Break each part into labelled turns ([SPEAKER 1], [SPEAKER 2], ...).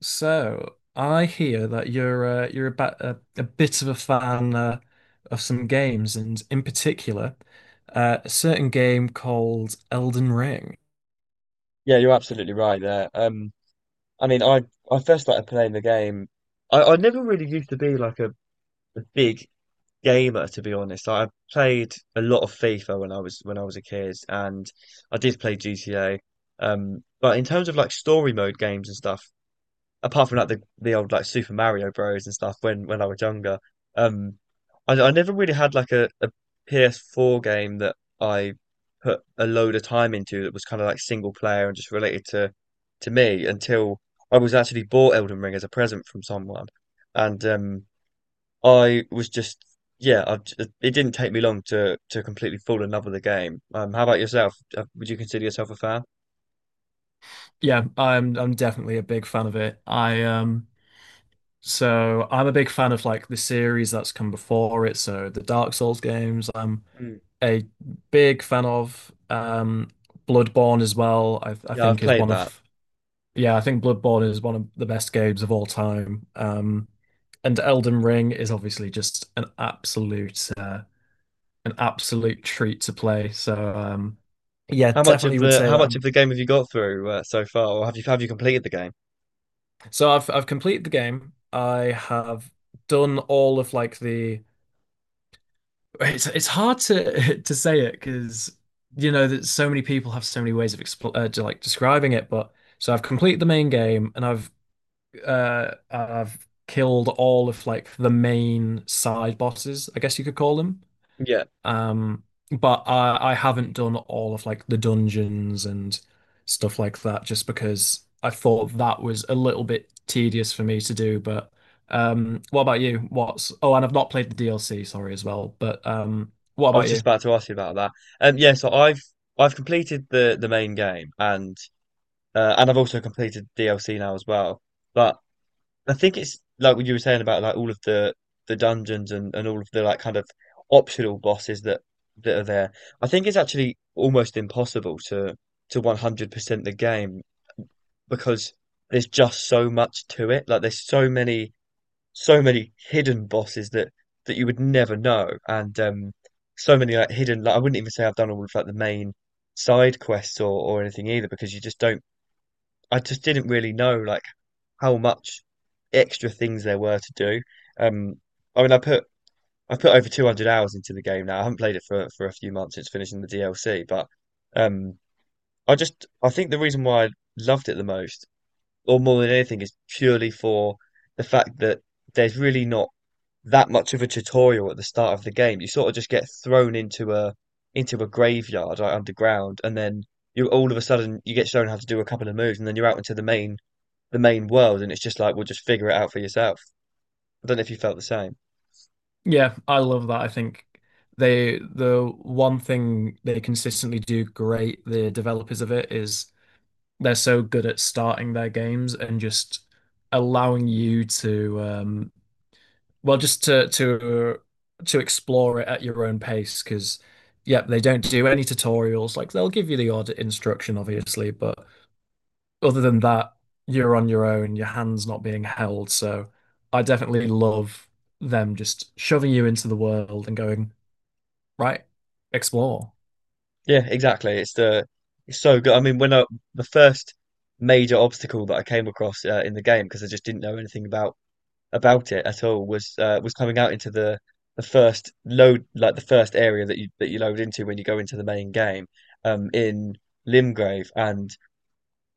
[SPEAKER 1] So I hear that you're about a bit of a fan of some games, and in particular, a certain game called Elden Ring.
[SPEAKER 2] Yeah, you're absolutely right there. I mean, I first started playing the game. I never really used to be like a big gamer, to be honest. I played a lot of FIFA when I was a kid, and I did play GTA. But in terms of like story mode games and stuff, apart from like the old like Super Mario Bros and stuff when I was younger. Um, I never really had like PS4 game that I put a load of time into that was kind of like single player and just related to me until I was actually bought Elden Ring as a present from someone, and I was just yeah, it didn't take me long to completely fall in love with the game. How about yourself? Would you consider yourself a fan?
[SPEAKER 1] Yeah, I'm definitely a big fan of it. I so I'm a big fan of like the series that's come before it. So the Dark Souls games, I'm
[SPEAKER 2] Mm.
[SPEAKER 1] a big fan of Bloodborne as well. I
[SPEAKER 2] Yeah, I've
[SPEAKER 1] think is
[SPEAKER 2] played
[SPEAKER 1] one
[SPEAKER 2] that.
[SPEAKER 1] of yeah, I think Bloodborne is one of the best games of all time. And Elden Ring is obviously just an absolute treat to play. So yeah, definitely would say
[SPEAKER 2] How
[SPEAKER 1] that.
[SPEAKER 2] much of the game have you got through so far, or have you completed the game?
[SPEAKER 1] So I've completed the game. I have done all of like the. It's hard to to say it because you know that so many people have so many ways of expl to, like describing it. But so I've completed the main game and I've killed all of like the main side bosses, I guess you could call them.
[SPEAKER 2] Yeah,
[SPEAKER 1] Um, but I haven't done all of like the dungeons and stuff like that just because I thought that was a little bit tedious for me to do. But what about you? What's oh, and I've not played the DLC, sorry as well. But what
[SPEAKER 2] I was
[SPEAKER 1] about
[SPEAKER 2] just
[SPEAKER 1] you?
[SPEAKER 2] about to ask you about that. Yeah, so I've completed the main game, and I've also completed DLC now as well. But I think it's like what you were saying about like all of the dungeons and all of the like kind of optional bosses that that are there. I think it's actually almost impossible to 100% the game because there's just so much to it. Like there's so many so many hidden bosses that that you would never know, and so many like hidden. Like I wouldn't even say I've done all of like the main side quests or anything either, because you just don't. I just didn't really know like how much extra things there were to do. Um, I mean, I put over 200 hours into the game now. I haven't played it for a few months since finishing the DLC, but um, I just I think the reason why I loved it the most, or more than anything, is purely for the fact that there's really not that much of a tutorial at the start of the game. You sort of just get thrown into a graveyard like underground, and then you all of a sudden you get shown how to do a couple of moves, and then you're out into the main world, and it's just like, well, just figure it out for yourself. I don't know if you felt the same.
[SPEAKER 1] Yeah, I love that. I think the one thing they consistently do great, the developers of it, is they're so good at starting their games and just allowing you to well just to explore it at your own pace because yeah, they don't do any tutorials, like they'll give you the odd instruction obviously, but other than that, you're on your own, your hands not being held. So I definitely love them just shoving you into the world and going right, explore.
[SPEAKER 2] Yeah, exactly. It's so good. I mean, when I the first major obstacle that I came across in the game because I just didn't know anything about it at all was coming out into the first load like the first area that you load into when you go into the main game in Limgrave, and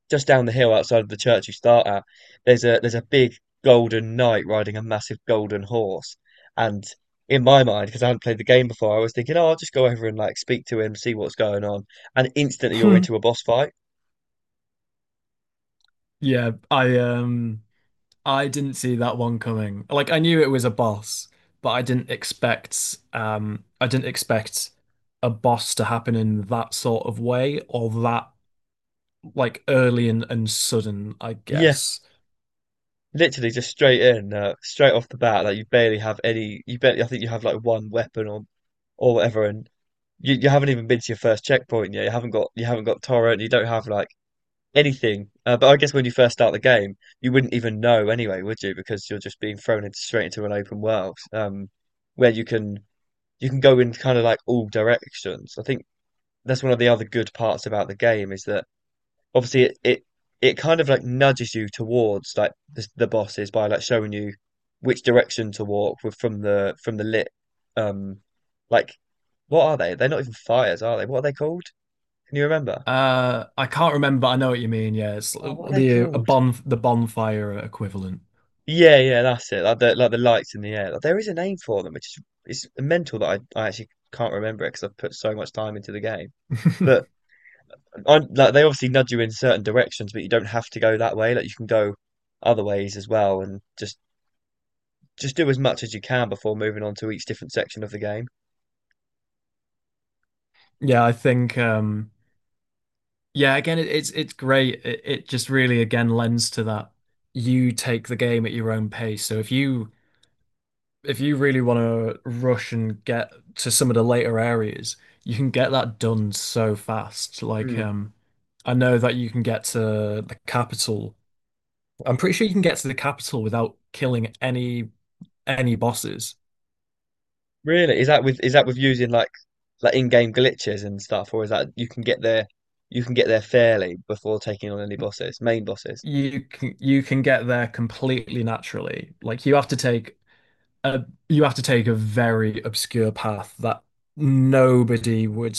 [SPEAKER 2] just down the hill outside of the church you start at, there's a big golden knight riding a massive golden horse. And in my mind, because I hadn't played the game before, I was thinking, oh, I'll just go over and like speak to him, see what's going on, and instantly you're into a boss fight.
[SPEAKER 1] Yeah, I didn't see that one coming. Like I knew it was a boss, but I didn't expect a boss to happen in that sort of way or that like early and sudden, I
[SPEAKER 2] Yeah,
[SPEAKER 1] guess.
[SPEAKER 2] literally just straight in, straight off the bat. Like you barely have any. You barely. I think you have like one weapon or whatever, and you haven't even been to your first checkpoint yet. You haven't got torrent. You don't have like anything. But I guess when you first start the game, you wouldn't even know anyway, would you? Because you're just being thrown into straight into an open world, where you can go in kind of like all directions. I think that's one of the other good parts about the game is that obviously it kind of like nudges you towards like the bosses by like showing you which direction to walk with from the lit um like, what are they? They're not even fires, are they? What are they called? Can you remember?
[SPEAKER 1] I can't remember. I know what you mean. Yeah, it's
[SPEAKER 2] Oh, what are they
[SPEAKER 1] the a
[SPEAKER 2] called?
[SPEAKER 1] bon the bonfire equivalent.
[SPEAKER 2] Yeah, yeah, that's it. Like the lights in the air. Like, there is a name for them, which is it's mental that I actually can't remember it because I've put so much time into the game. But I, like, they obviously nudge you in certain directions, but you don't have to go that way. Like you can go other ways as well, and just do as much as you can before moving on to each different section of the game.
[SPEAKER 1] Yeah, I think yeah, again it's great. It just really again lends to that you take the game at your own pace. So if you really want to rush and get to some of the later areas, you can get that done so fast. Like,
[SPEAKER 2] Hmm.
[SPEAKER 1] I know that you can get to the capital. I'm pretty sure you can get to the capital without killing any bosses.
[SPEAKER 2] Really? Is that with using like in-game glitches and stuff, or is that you can get there, you can get there fairly, before taking on any bosses, main bosses?
[SPEAKER 1] You can get there completely naturally. Like you have to take a you have to take a very obscure path that nobody would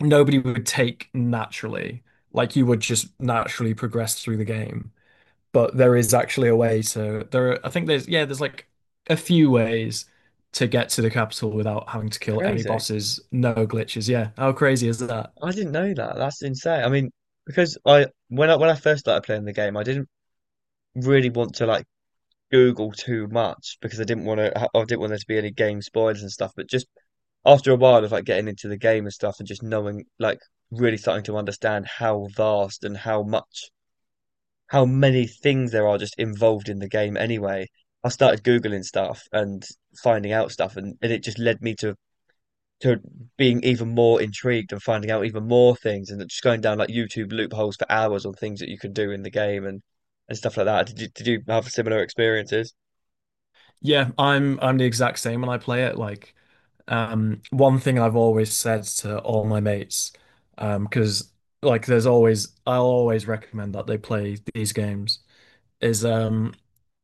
[SPEAKER 1] nobody would take naturally. Like you would just naturally progress through the game. But there is actually a way to there are, I think there's yeah there's like a few ways to get to the capital without having to
[SPEAKER 2] It's
[SPEAKER 1] kill any
[SPEAKER 2] crazy.
[SPEAKER 1] bosses, no glitches. Yeah, how crazy is that?
[SPEAKER 2] I didn't know that. That's insane. I mean, because I when I when I first started playing the game, I didn't really want to like Google too much because I didn't want to. I didn't want there to be any game spoilers and stuff. But just after a while of like getting into the game and stuff, and just knowing, like, really starting to understand how vast and how many things there are just involved in the game. Anyway, I started googling stuff and finding out stuff, and it just led me to being even more intrigued and finding out even more things, and just going down like YouTube loopholes for hours on things that you could do in the game and stuff like that. Did you have similar experiences?
[SPEAKER 1] Yeah, I'm the exact same when I play it. Like, one thing I've always said to all my mates, because like there's always I'll always recommend that they play these games is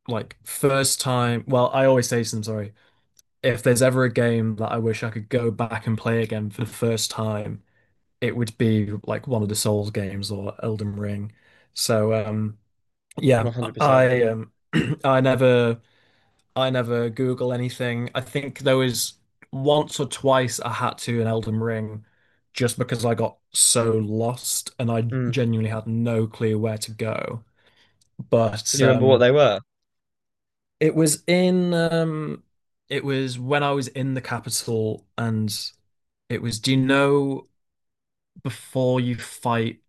[SPEAKER 1] like first time, well I always say to them, sorry, if there's ever a game that I wish I could go back and play again for the first time, it would be like one of the Souls games or Elden Ring. So yeah,
[SPEAKER 2] 100%.
[SPEAKER 1] I I never I never Google anything. I think there was once or twice I had to in Elden Ring just because I got so lost and I
[SPEAKER 2] Mm.
[SPEAKER 1] genuinely had no clue where to go.
[SPEAKER 2] Do
[SPEAKER 1] But
[SPEAKER 2] you remember what they were?
[SPEAKER 1] it was in it was when I was in the capital and it was, do you know, before you fight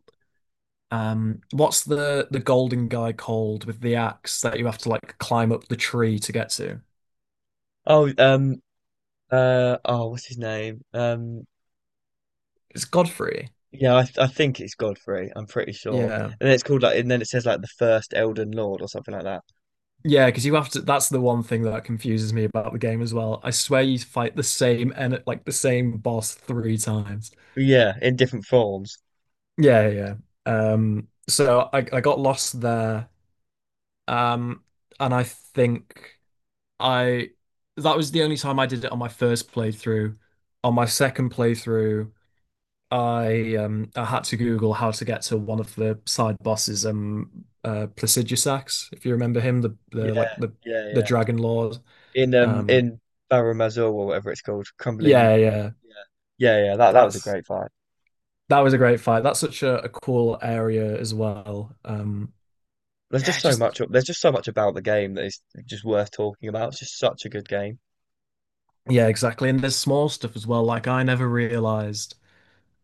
[SPEAKER 1] What's the golden guy called with the axe that you have to like climb up the tree to get to?
[SPEAKER 2] Oh, oh, what's his name?
[SPEAKER 1] It's Godfrey.
[SPEAKER 2] Yeah, I think it's Godfrey. I'm pretty sure.
[SPEAKER 1] Yeah.
[SPEAKER 2] And then it's called like, and then it says like the first Elden Lord or something like that.
[SPEAKER 1] Yeah, because you have to. That's the one thing that confuses me about the game as well. I swear you fight the same and like the same boss three times.
[SPEAKER 2] But yeah, in different forms.
[SPEAKER 1] Yeah, yeah. So I got lost there. Um, and I think I that was the only time I did it on my first playthrough. On my second playthrough, I had to Google how to get to one of the side bosses, Placidusax, if you remember him, the like
[SPEAKER 2] Yeah, yeah,
[SPEAKER 1] the
[SPEAKER 2] yeah.
[SPEAKER 1] Dragon Lord. Um
[SPEAKER 2] In Barrow Mazor or whatever it's called, Crumbling.
[SPEAKER 1] yeah, yeah.
[SPEAKER 2] Yeah, yeah, yeah. That was a
[SPEAKER 1] That's
[SPEAKER 2] great fight.
[SPEAKER 1] that was a great fight. That's such a cool area as well.
[SPEAKER 2] There's
[SPEAKER 1] Yeah,
[SPEAKER 2] just so
[SPEAKER 1] just
[SPEAKER 2] much. There's just so much about the game that is just worth talking about. It's just such a good game.
[SPEAKER 1] yeah, exactly. And there's small stuff as well. Like I never realized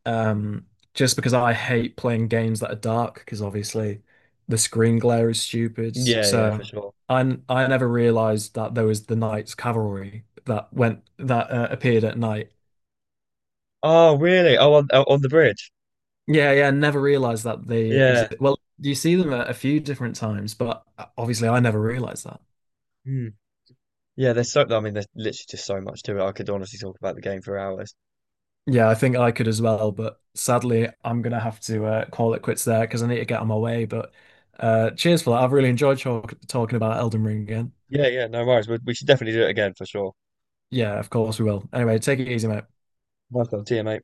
[SPEAKER 1] Um, just because I hate playing games that are dark, because obviously the screen glare is stupid.
[SPEAKER 2] Yeah, yeah, for
[SPEAKER 1] So
[SPEAKER 2] sure.
[SPEAKER 1] I never realized that there was the Knights Cavalry that went that appeared at night.
[SPEAKER 2] Oh, really? Oh, on, oh, on the bridge.
[SPEAKER 1] Yeah, yeah, never realized that they
[SPEAKER 2] Yeah.
[SPEAKER 1] exist. Well, you see them at a few different times, but obviously I never realized that.
[SPEAKER 2] Hmm. Yeah, there's so, I mean, there's literally just so much to it. I could honestly talk about the game for hours.
[SPEAKER 1] Yeah, I think I could as well, but sadly I'm gonna have to call it quits there because I need to get on my way. But cheers for that. I've really enjoyed talking about Elden Ring again.
[SPEAKER 2] Yeah, yeah, no worries. We should definitely do it again for sure.
[SPEAKER 1] Yeah, of course we will. Anyway, take it easy, mate.
[SPEAKER 2] Welcome. See you, mate.